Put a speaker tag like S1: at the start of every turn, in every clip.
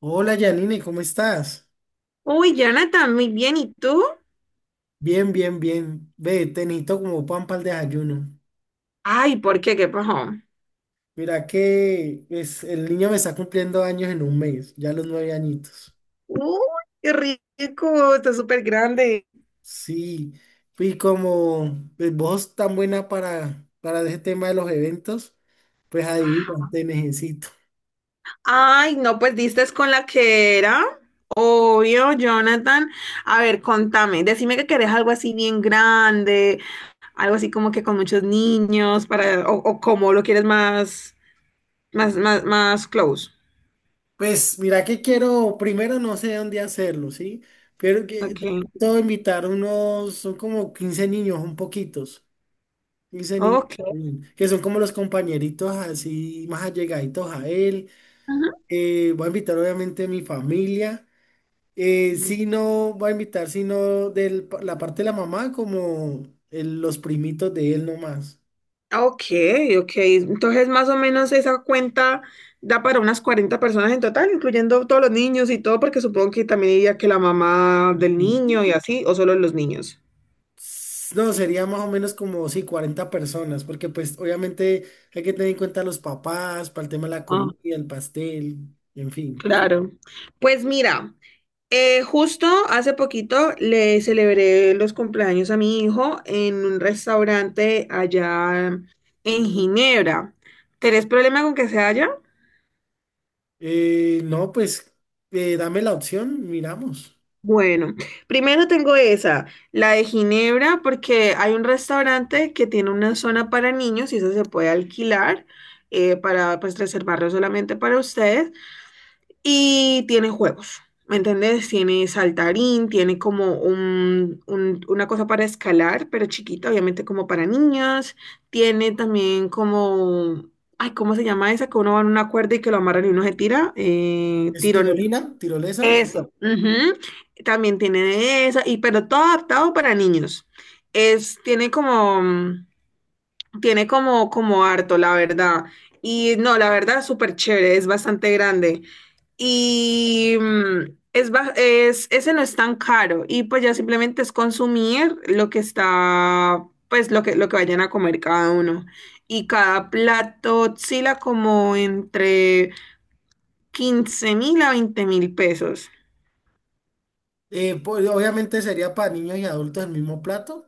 S1: Hola Janine, ¿cómo estás?
S2: Uy, Jonathan, muy bien. ¿Y tú?
S1: Bien, bien, bien. Ve, te necesito como pan para el desayuno.
S2: Ay, ¿por qué? ¿Qué pasó?
S1: Mira que pues, el niño me está cumpliendo años en un mes, ya los nueve añitos.
S2: Uy, qué rico, está súper grande.
S1: Sí, y como pues, vos sos tan buena para ese tema de los eventos, pues adivina,
S2: Ajá.
S1: te necesito.
S2: Ay, no, pues diste con la que era. Obvio, Jonathan. A ver, contame. Decime que querés algo así bien grande, algo así como que con muchos niños, para, o cómo lo quieres más close.
S1: Pues mira que quiero, primero no sé dónde hacerlo, ¿sí? Pero que
S2: Ok.
S1: de pronto invitar unos, son como 15 niños, un poquitos. Wilson y
S2: Ok.
S1: Yasmín, que son como los compañeritos así más allegaditos a él.
S2: Ajá.
S1: Voy a invitar obviamente mi familia. Si no, voy a invitar sino de la parte de la mamá como los primitos de él nomás.
S2: Ah, ok, ok. Entonces, más o menos esa cuenta da para unas 40 personas en total, incluyendo todos los niños y todo, porque supongo que también diría que la mamá del
S1: Ujú.
S2: niño y así, o solo los niños.
S1: S- No, sería más o menos como, sí, 40 personas, porque pues obviamente hay que tener en cuenta los papás, para el tema de la
S2: Ah,
S1: comida, el pastel, en fin.
S2: claro. Pues mira, justo hace poquito le celebré los cumpleaños a mi hijo en un restaurante allá en Ginebra. ¿Tenés problema con que sea allá?
S1: No, pues dame la opción, miramos.
S2: Bueno, primero tengo esa, la de Ginebra, porque hay un restaurante que tiene una zona para niños y esa se puede alquilar para pues reservarlo solamente para ustedes y tiene juegos, ¿me entiendes? Tiene saltarín, tiene como una cosa para escalar, pero chiquita, obviamente como para niños, tiene también como, ay, ¿cómo se llama esa? Que uno va en una cuerda y que lo amarran y uno se tira,
S1: ¿Es tirolina? ¿Tirolesa?
S2: eso. Ujú. También tiene de esa, y, pero todo adaptado para niños. Es, tiene como, mm, tiene como harto, la verdad. Y no, la verdad, súper chévere, es bastante grande. Y ese no es tan caro. Y pues ya simplemente es consumir lo que está, pues lo que vayan a comer cada uno. Y cada plato oscila como entre 15.000 a 20.000 pesos.
S1: Pues, obviamente sería para niños y adultos el mismo plato.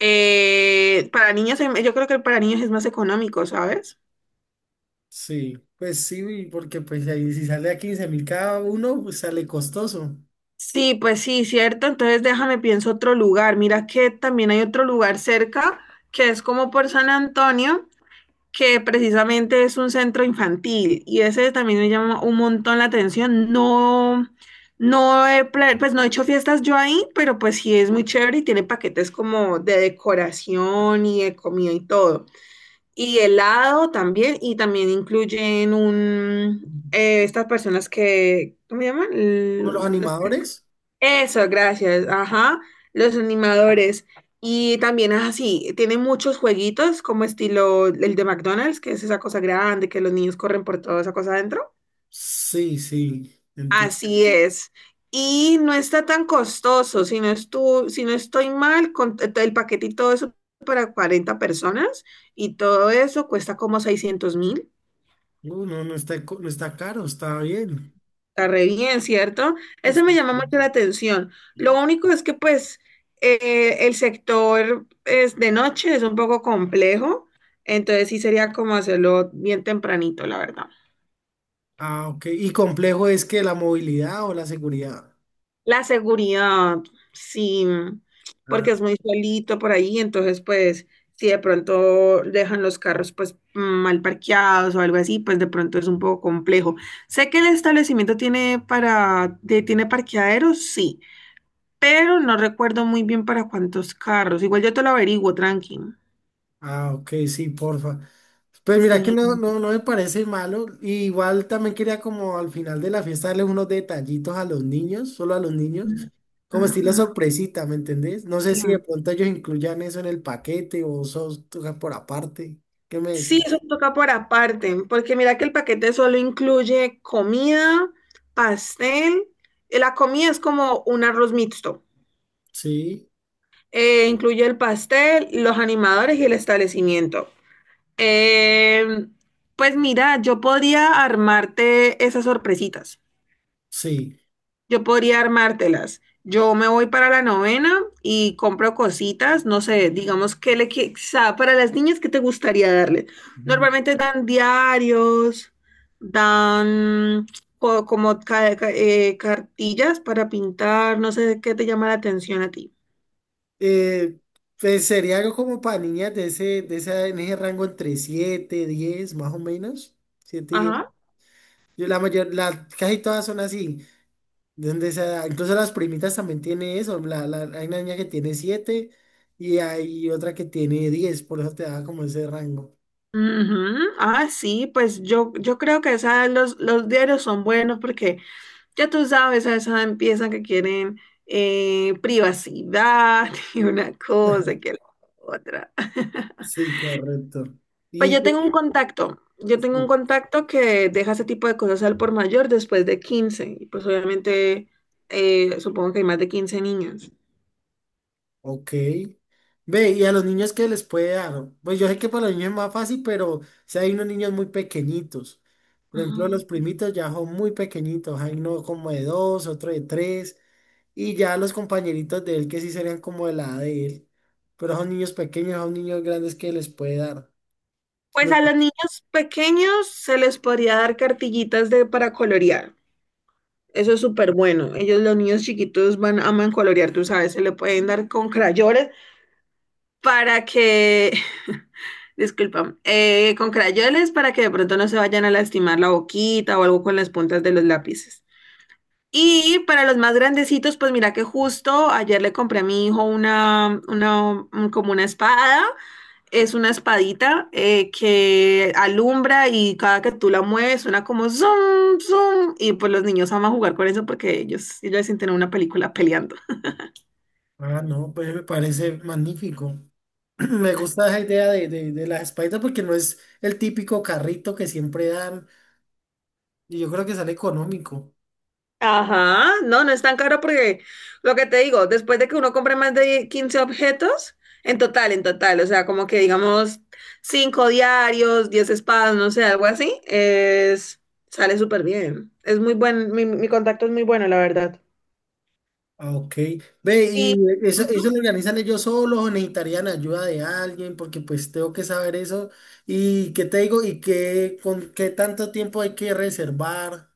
S2: Para niños, yo creo que para niños es más económico, ¿sabes?
S1: Sí, pues sí, porque pues ahí si sale a 15 mil cada uno, pues sale costoso.
S2: Sí, pues sí, cierto. Entonces déjame pienso otro lugar. Mira que también hay otro lugar cerca que es como por San Antonio, que precisamente es un centro infantil y ese también me llama un montón la atención. No, pues no he hecho fiestas yo ahí, pero pues sí es muy chévere y tiene paquetes como de decoración y de comida y todo. Y helado también, y también incluyen estas personas que, ¿cómo se llaman?
S1: ¿Como los animadores?
S2: Eso, gracias, ajá, los animadores. Y también es así, tiene muchos jueguitos como estilo el de McDonald's, que es esa cosa grande, que los niños corren por toda esa cosa adentro.
S1: Sí, sí, entiendo.
S2: Así es. Y no está tan costoso, si no estoy mal, con el paquete y todo eso para 40 personas y todo eso cuesta como 600.000.
S1: No, no está caro, está bien.
S2: Está re bien, ¿cierto?
S1: Pues.
S2: Eso me llama mucho la atención. Lo único es que pues el sector es de noche, es un poco complejo, entonces sí sería como hacerlo bien tempranito, la verdad.
S1: Ah, ok. ¿Y complejo es que la movilidad o la seguridad?
S2: La seguridad, sí, porque es muy solito por ahí, entonces pues si de pronto dejan los carros pues mal parqueados o algo así, pues de pronto es un poco complejo. Sé que el establecimiento tiene tiene parqueaderos, sí. Pero no recuerdo muy bien para cuántos carros. Igual yo te lo averiguo, tranqui.
S1: Ah, ok, sí, porfa. Pues mira que
S2: Sí.
S1: no, no, no me parece malo. Y igual también quería como al final de la fiesta darles unos detallitos a los niños, solo a los niños, como estilo
S2: Ujú.
S1: sorpresita, ¿me entendés? No sé
S2: Sí.
S1: si de pronto ellos incluyan eso en el paquete o sos tú por aparte. ¿Qué me decís?
S2: Sí, eso toca por aparte, porque mira que el paquete solo incluye comida, pastel. La comida es como un arroz mixto.
S1: Sí,
S2: Incluye el pastel, los animadores y el establecimiento. Eh, pues mira, yo podría armarte esas sorpresitas.
S1: sí.
S2: Yo podría armártelas. Yo me voy para la novena y compro cositas, no sé, digamos que para las niñas qué te gustaría darle.
S1: Ujú.
S2: Normalmente dan diarios, dan como cartillas para pintar, no sé qué te llama la atención a ti.
S1: Eh, pues sería algo como para niñas de ese, de esa, en ese rango entre 7, 10, más o menos. 7, y 10.
S2: Ajá.
S1: Yo, la mayor, casi todas son así. Donde sea, incluso las primitas también tiene eso. Hay una niña que tiene siete y hay otra que tiene 10, por eso te da como ese rango.
S2: Ujú. Ah, sí, pues yo creo que los diarios son buenos porque ya tú sabes, a esa empiezan que quieren privacidad y una cosa que la otra.
S1: Sí, correcto.
S2: Pues
S1: Y,
S2: yo tengo un contacto que deja ese tipo de cosas al por mayor después de 15. Y pues obviamente supongo que hay más de 15 niños.
S1: ok. Ve, ¿y a los niños qué les puede dar? Pues yo sé que para los niños es más fácil, pero si hay unos niños muy pequeñitos. Por ejemplo, los
S2: Ajá.
S1: primitos ya son muy pequeñitos. Hay uno como de dos, otro de tres. Y ya los compañeritos de él que sí serían como de la edad de él. Pero son niños pequeños, son niños grandes que les puede dar.
S2: Pues
S1: Pues.
S2: a los niños pequeños se les podría dar cartillitas para colorear. Eso es súper bueno. Ellos, los niños chiquitos, aman colorear, tú sabes, se le pueden dar con crayones para que, disculpa, con crayoles para que de pronto no se vayan a lastimar la boquita o algo con las puntas de los lápices. Y para los más grandecitos, pues mira que justo ayer le compré a mi hijo como una espada. Es una espadita que alumbra y cada que tú la mueves suena como zoom, zoom. Y pues los niños aman jugar con eso porque ellos se sienten en una película peleando.
S1: Ah, no, pues me parece magnífico. Me gusta esa idea de la Spider porque no es el típico carrito que siempre dan y yo creo que sale económico.
S2: Ajá, no, no es tan caro porque lo que te digo, después de que uno compre más de 15 objetos, en total, o sea, como que digamos 5 diarios, 10 espadas, no sé, algo así, sale súper bien. Es muy buen, mi contacto es muy bueno, la verdad.
S1: Ah, ok. Ve, ¿y
S2: Y
S1: eso lo organizan ellos solos o necesitarían ayuda de alguien? Porque pues tengo que saber eso. ¿Y qué te digo? ¿Y qué, con qué tanto tiempo hay que reservar?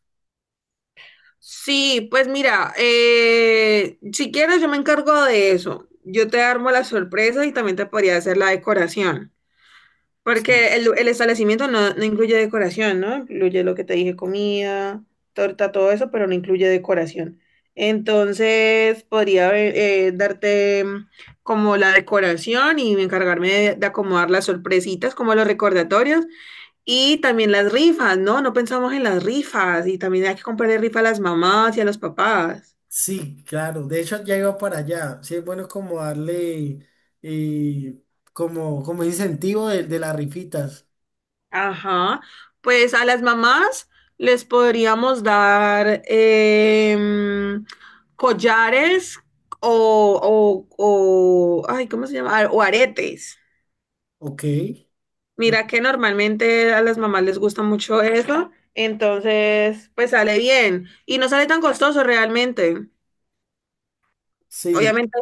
S2: sí, pues mira, si quieres yo me encargo de eso. Yo te armo la sorpresa y también te podría hacer la decoración.
S1: Sí.
S2: Porque el establecimiento no, no incluye decoración, ¿no? Incluye lo que te dije, comida, torta, todo eso, pero no incluye decoración. Entonces, podría darte como la decoración y encargarme de acomodar las sorpresitas, como los recordatorios, y también las rifas, ¿no? No pensamos en las rifas, y también hay que comprarle rifa a las mamás y a los papás.
S1: Sí, claro. De hecho, ya iba para allá. Sí, es bueno como darle eh, como, como incentivo de las rifitas.
S2: Ajá, pues a las mamás les podríamos dar collares o, ay, ¿cómo se llama? Ah, o aretes.
S1: Ok. me-
S2: Mira que normalmente a las mamás les gusta mucho eso, entonces pues sale bien y no sale tan costoso realmente.
S1: Sí.
S2: Obviamente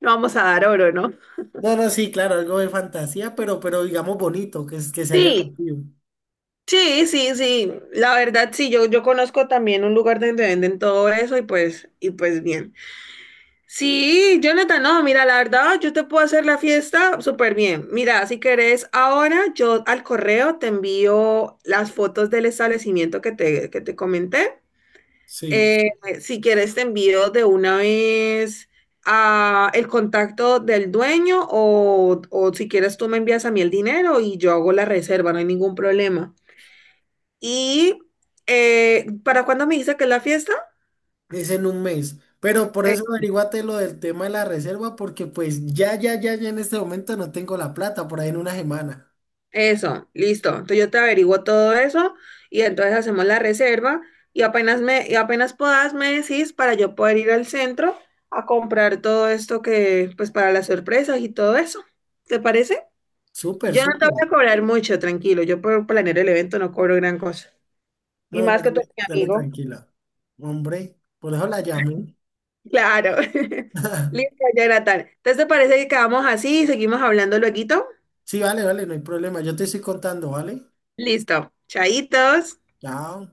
S2: no vamos a dar oro, ¿no?
S1: No, no, sí, claro, algo de fantasía, pero digamos bonito, que, que sea
S2: Sí,
S1: llamativo.
S2: sí, sí, sí. La verdad, sí, yo conozco también un lugar donde venden todo eso y pues bien. Sí, Jonathan, no, mira, la verdad, yo te puedo hacer la fiesta súper bien. Mira, si querés, ahora yo al correo te envío las fotos del establecimiento que te comenté.
S1: Sí.
S2: Eh, si quieres, te envío de una vez el contacto del dueño o si quieres, tú me envías a mí el dinero y yo hago la reserva, no hay ningún problema. Y ¿para cuándo me dice que es la fiesta?
S1: Es en un mes. Pero por eso averiguate lo del tema de la reserva, porque pues ya, ya, ya, ya en este momento no tengo la plata, por ahí en una semana.
S2: Eso, listo. Entonces yo te averiguo todo eso y entonces hacemos la reserva y apenas puedas me decís para yo poder ir al centro a comprar todo esto que, pues para las sorpresas y todo eso. ¿Te parece?
S1: Súper, súper.
S2: Yo no te voy a cobrar mucho, tranquilo. Yo por planear el evento no cobro gran cosa.
S1: No,
S2: Y
S1: no,
S2: más que tú
S1: dale,
S2: eres mi
S1: dale
S2: amigo.
S1: tranquila. Hombre, por eso la llamé.
S2: Claro. Listo, Jonathan. Entonces, ¿te parece que quedamos así y seguimos hablando lueguito?
S1: Sí, vale, vale, no hay problema. Yo te estoy contando, ¿vale?
S2: Listo. Chaitos.
S1: Chao.